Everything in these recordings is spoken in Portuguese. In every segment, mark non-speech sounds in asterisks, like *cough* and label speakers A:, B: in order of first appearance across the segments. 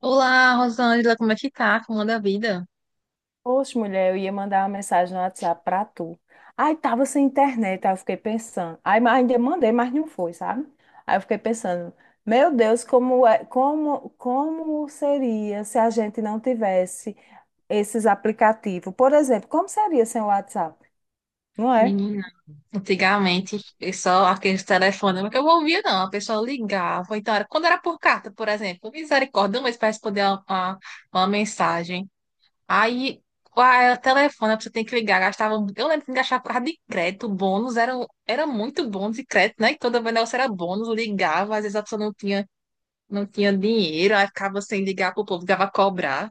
A: Olá, Rosângela, como é que tá? Como anda a vida?
B: Poxa, mulher, eu ia mandar uma mensagem no WhatsApp pra tu. Aí tava sem internet, aí eu fiquei pensando. Aí ainda mandei, mas não foi, sabe? Aí eu fiquei pensando, meu Deus, como seria se a gente não tivesse esses aplicativos? Por exemplo, como seria sem o WhatsApp? Não é?
A: Menina, antigamente, eu só aqueles telefones que eu não ouvia, não. A pessoa ligava. Então, era, quando era por carta, por exemplo, misericórdia, um mês para responder uma, mensagem. Aí, o telefone, você tem que ligar. Gastava, eu lembro que gastava por causa de crédito, bônus, era muito bônus de crédito, né? E toda vez o negócio era bônus, ligava, às vezes a pessoa não tinha dinheiro, aí ficava sem ligar pro povo, ligava a cobrar.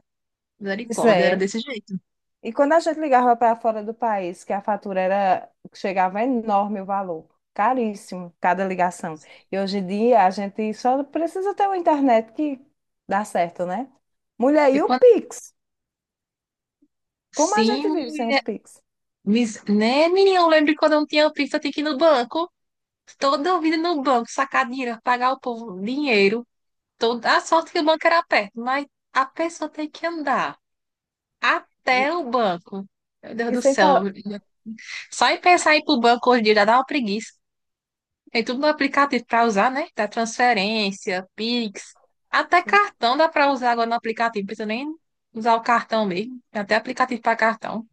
B: Pois
A: Misericórdia, era
B: é.
A: desse jeito.
B: E quando a gente ligava para fora do país, que a fatura era, chegava enorme o valor, caríssimo cada ligação. E hoje em dia a gente só precisa ter uma internet que dá certo, né? Mulher,
A: E
B: e o
A: quando
B: Pix? Como a gente
A: sim,
B: vive sem o Pix?
A: Né, menina? Eu lembro quando eu não tinha pizza, eu tinha que ir no banco. Toda vida no banco, sacar dinheiro, pagar o povo dinheiro. Toda a sorte que o banco era perto, mas a pessoa tem que andar
B: E
A: até o banco. Meu Deus
B: e
A: do
B: sem
A: céu.
B: falar.
A: Só em pensar em ir pro banco hoje em dia já dá uma preguiça. Tem tudo no aplicativo para usar, né? Da transferência, Pix, até
B: Assim,
A: cartão dá para usar agora no aplicativo. Não precisa nem usar o cartão mesmo. Tem até aplicativo para cartão.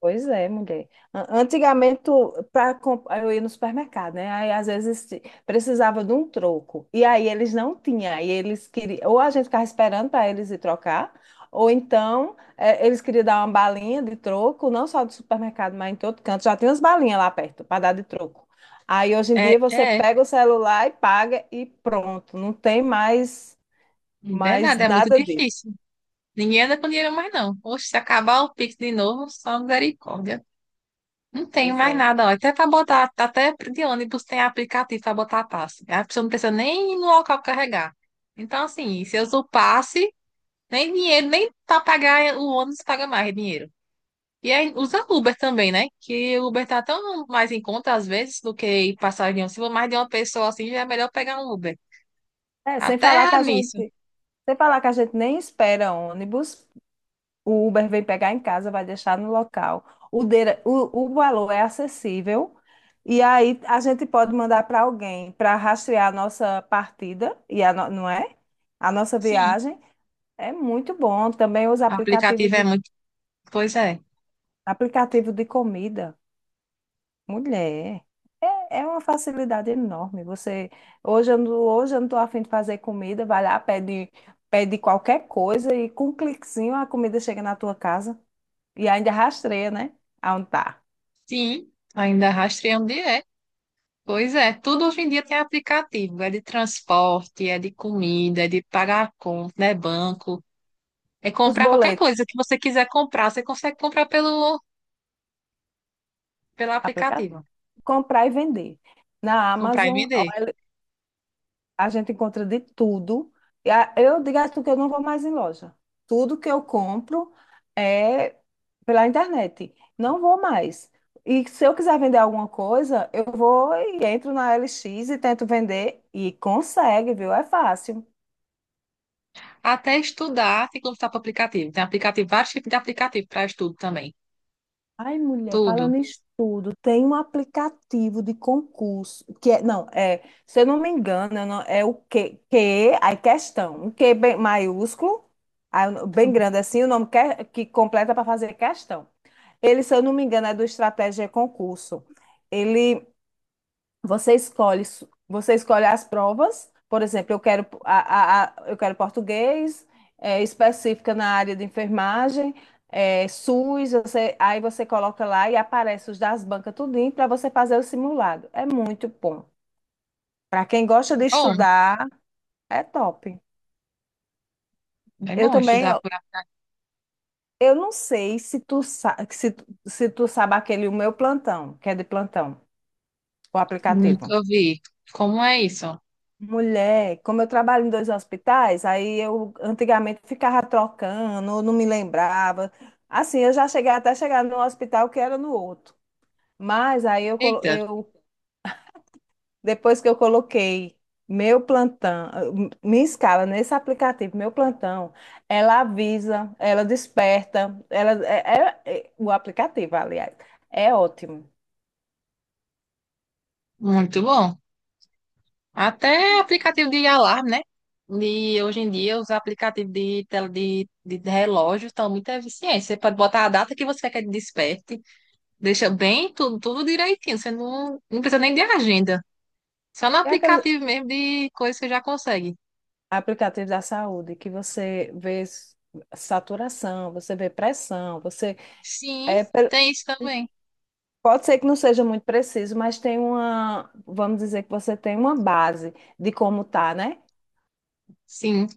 B: pois é, mulher. Antigamente, para eu ia no supermercado, né? Aí às vezes precisava de um troco. E aí eles não tinham. Aí eles queriam, ou a gente ficava esperando para eles ir trocar, ou então eles queriam dar uma balinha de troco, não só do supermercado, mas em todo canto. Já tem umas balinhas lá perto para dar de troco. Aí hoje em
A: É,
B: dia você
A: é, é
B: pega o celular e paga e pronto. Mais
A: verdade, é muito
B: nada disso.
A: difícil. Ninguém anda com dinheiro mais, não. Poxa, se acabar o Pix de novo, só misericórdia. Não tenho
B: Pois
A: mais
B: é.
A: nada, ó. Até para botar, até de ônibus tem aplicativo para botar passe. A pessoa não precisa nem ir no local carregar. Então, assim, se eu uso o passe, nem dinheiro, nem para pagar o ônibus paga mais dinheiro. E aí usa Uber também, né? Que o Uber tá tão mais em conta às vezes do que ir passar avião. Se for mais de uma pessoa assim, já é melhor pegar um Uber.
B: É, sem falar que
A: Até
B: a gente,
A: nisso.
B: sem falar que a gente nem espera ônibus. O Uber vem pegar em casa, vai deixar no local. O valor é acessível. E aí a gente pode mandar para alguém para rastrear a nossa partida, e a no- não é? A nossa
A: Sim,
B: viagem. É muito bom. Também
A: aplicativo é muito. Pois é.
B: aplicativo de comida. Mulher, é uma facilidade enorme. Você, hoje eu não estou afim de fazer comida, vai lá, pede qualquer coisa e com um cliquezinho a comida chega na tua casa. E ainda rastreia, né? Aonde tá.
A: Sim, ainda rastreando direto. Pois é, tudo hoje em dia tem aplicativo, é de transporte, é de comida, é de pagar a conta, é banco, é
B: Os
A: comprar qualquer
B: boletos,
A: coisa que você quiser comprar, você consegue comprar pelo
B: aplicativo.
A: aplicativo,
B: Comprar e vender. Na
A: comprar e
B: Amazon,
A: vender.
B: a gente encontra de tudo. Eu digo a tu que eu não vou mais em loja. Tudo que eu compro é pela internet. Não vou mais. E se eu quiser vender alguma coisa, eu vou e entro na LX e tento vender. E consegue, viu? É fácil.
A: Até estudar tem que comprar para aplicativo, tem aplicativo, vários tipos de aplicativo para estudo também,
B: Ai, mulher,
A: tudo.
B: falando em estudo, tem um aplicativo de concurso, que é, não, é, se eu não me engano, eu não- é aí questão, um que bem maiúsculo, bem grande assim, o nome que completa para fazer questão. Ele, se eu não me engano, é do Estratégia Concurso. Ele você escolhe as provas. Por exemplo, eu quero, a- eu quero português, específica na área de enfermagem, SUS. Aí você coloca lá e aparece os das bancas tudinho para você fazer o simulado. É muito bom. Para quem gosta de
A: Bom,
B: estudar, é top.
A: é
B: Eu
A: bom
B: também,
A: estudar
B: ó,
A: por aplicativo,
B: eu não sei se tu, sa- se, tu- se tu sabe aquele o meu plantão, que é de plantão, o aplicativo.
A: nunca vi. Como é isso?
B: Mulher, como eu trabalho em 2 hospitais, aí eu antigamente ficava trocando, eu não me lembrava. Assim, eu já cheguei até chegar no hospital que era no outro. Mas aí eu, colo-
A: Eita,
B: eu depois que eu coloquei meu plantão, minha escala nesse aplicativo, meu plantão, ela avisa, ela desperta, ela é, é- é- o aplicativo, aliás, é ótimo.
A: muito bom. Até aplicativo de alarme, né? Hoje em dia, os aplicativos de relógio estão muito eficientes. Você pode botar a data que você quer que ele desperte, deixa bem tudo, tudo direitinho. Você não precisa nem de agenda. Só no
B: É aquele
A: aplicativo mesmo de coisa você já consegue.
B: aplicativo da saúde que você vê saturação, você vê pressão, você
A: Sim,
B: É,
A: tem isso também.
B: pode ser que não seja muito preciso, mas tem uma, vamos dizer que você tem uma base de como tá, né?
A: Sim,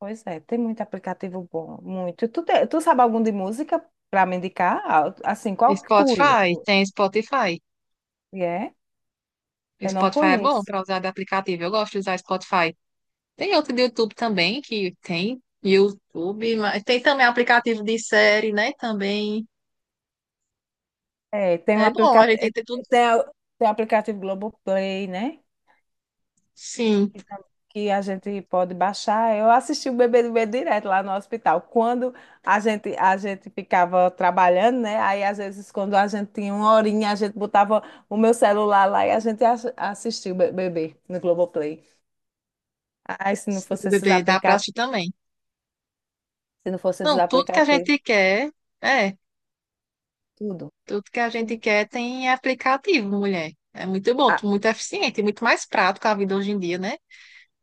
B: Pois é, tem muito aplicativo bom, muito. Tu sabe algum de música para me indicar? Ah, assim, qual que tu ia-
A: Spotify, tem Spotify.
B: e é?
A: O
B: Eu não
A: Spotify é bom
B: conheço.
A: para usar de aplicativo. Eu gosto de usar Spotify. Tem outro do YouTube também que tem YouTube, mas tem também aplicativo de série, né? Também
B: É, tem um
A: é bom, a gente tem
B: aplicativo,
A: que ter tudo.
B: tem, a- tem o aplicativo Globoplay, né?
A: Sim,
B: Que a gente pode baixar. Eu assisti o Bebê do Medo direto lá no hospital. Quando a gente ficava trabalhando, né? Aí às vezes quando a gente tinha uma horinha, a gente botava o meu celular lá e a gente assistia o Bebê no Globoplay. Ai,
A: sim, bebê, dá pra assistir também.
B: se não fosse esses
A: Não, tudo que a
B: aplicativos,
A: gente quer, é,
B: tudo,
A: tudo que a gente
B: tudo
A: quer tem aplicativo, mulher. É muito bom, muito eficiente, muito mais prático a vida hoje em dia, né?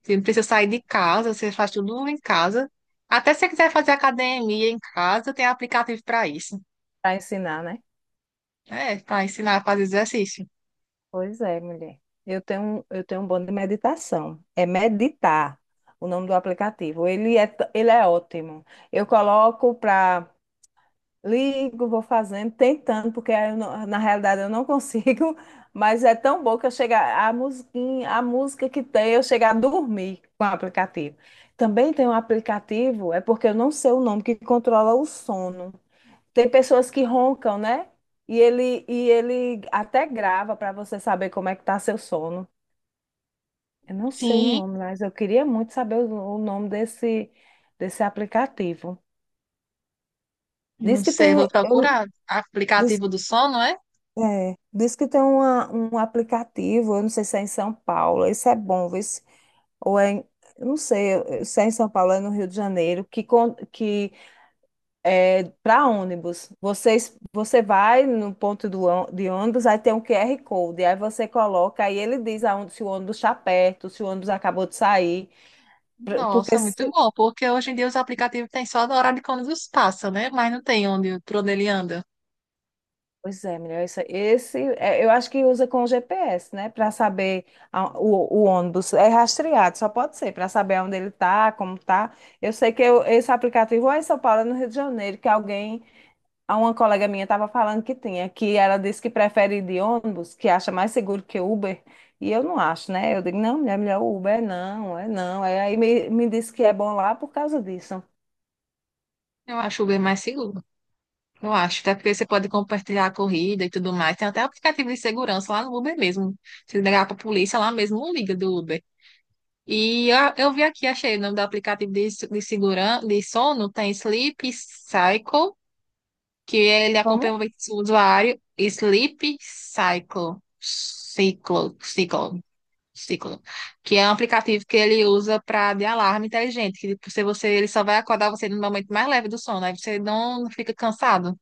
A: Você não precisa sair de casa, você faz tudo em casa. Até se você quiser fazer academia em casa, tem aplicativo para isso.
B: para ensinar, né?
A: É, para ensinar a fazer exercício.
B: Pois é, mulher. Eu tenho um bom de meditação. É meditar o nome do aplicativo. Ele é, ele é ótimo. Eu coloco para ligo, vou fazendo, tentando, porque aí eu não- na realidade eu não consigo, *laughs* mas é tão bom que a musiquinha, a música que tem, eu chego a dormir com o aplicativo. Também tem um aplicativo, é porque eu não sei o nome, que controla o sono. Tem pessoas que roncam, né? E ele até grava para você saber como é que tá seu sono. Eu não sei o
A: Sim.
B: nome, mas eu queria muito saber o nome desse, desse aplicativo.
A: Não
B: Diz que
A: sei,
B: tem,
A: vou
B: eu-
A: procurar.
B: diz
A: Aplicativo do sono, é?
B: É, diz que tem um aplicativo, eu não sei se é em São Paulo, isso é bom, vê se- ou é, em- eu não sei se é em São Paulo, é no Rio de Janeiro, que é para ônibus. Vocês, você vai no ponto de ônibus, aí tem um QR Code, aí você coloca, aí ele diz aonde, se o ônibus está perto, se o ônibus acabou de sair, pra- porque
A: Nossa, muito bom, porque hoje em dia os aplicativos têm só do horário de quando os passa, né? Mas não tem onde, por onde ele anda.
B: pois é, melhor esse, eu acho que usa com o GPS, né, para saber o ônibus é rastreado, só pode ser para saber onde ele tá, como tá. Eu sei esse aplicativo ou é em São Paulo, é no Rio de Janeiro, que alguém, a uma colega minha estava falando que tinha, que ela disse que prefere ir de ônibus, que acha mais seguro que Uber, e eu não acho, né? Eu digo, não, mulher, melhor Uber, é não, é não. Me disse que é bom lá por causa disso.
A: Eu acho o Uber mais seguro. Eu acho, até porque você pode compartilhar a corrida e tudo mais. Tem até aplicativo de segurança lá no Uber mesmo. Se ligar pra polícia, lá mesmo não liga do Uber. E eu vi aqui, achei o nome do aplicativo de segurança, de sono, tem Sleep Cycle que ele
B: Como?
A: acompanha o movimento do usuário Sleep Cycle, Ciclo, que é um aplicativo que ele usa para de alarme inteligente, que tipo, se você ele só vai acordar você no momento mais leve do sono, aí você não fica cansado.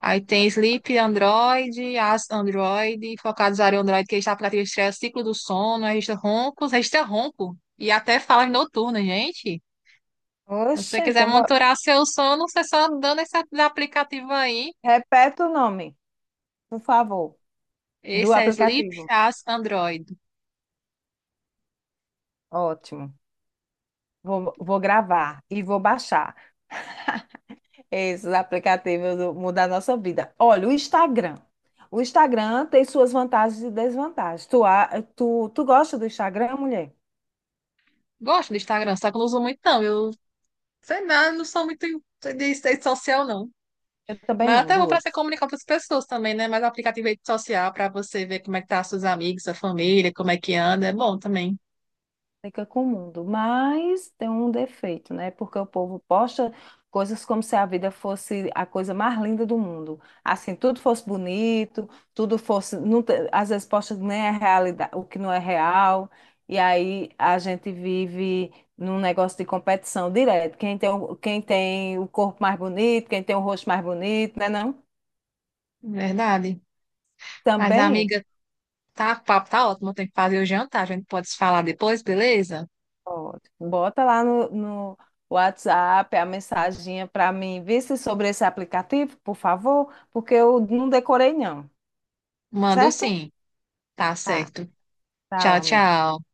A: Aí tem Sleep Android, As Android, focado no usuário Android, que está aplicativo estreia ciclo do sono, registra roncos, registra ronco e até falas noturnas, gente. Se você
B: Oxe,
A: quiser
B: eu vou...
A: monitorar seu sono, você só dando esse aplicativo aí.
B: repete o nome, por favor, do
A: Esse é Sleep
B: aplicativo.
A: as Android.
B: Ótimo. Vou gravar e vou baixar esses aplicativos mudar a nossa vida. Olha, o Instagram. O Instagram tem suas vantagens e desvantagens. Tu gosta do Instagram, mulher?
A: Gosto do Instagram, só que eu não uso muito, não. Eu sei lá, não sou muito de rede social, não.
B: Eu também
A: Mas é
B: não,
A: até bom para você
B: duas.
A: comunicar com as pessoas também, né? Mas o aplicativo de rede social para você ver como é que tá seus amigos, sua família, como é que anda, é bom também.
B: Fica com o mundo, mas tem um defeito, né? Porque o povo posta coisas como se a vida fosse a coisa mais linda do mundo. Assim, tudo fosse bonito, tudo fosse. Não te- Às vezes posta nem a realidade, o que não é real. E aí a gente vive num negócio de competição direto. Quem tem o corpo mais bonito, quem tem o rosto mais bonito, né? Não?
A: Verdade. Mas,
B: Também.
A: amiga, tá, o papo tá ótimo. Eu tenho que fazer o jantar. A gente pode se falar depois, beleza?
B: Ótimo. Bota lá no WhatsApp a mensaginha para mim, vê se sobre esse aplicativo, por favor, porque eu não decorei não,
A: Mando
B: certo?
A: sim. Tá
B: Tá,
A: certo.
B: tchau,
A: Tchau,
B: amigo.
A: tchau.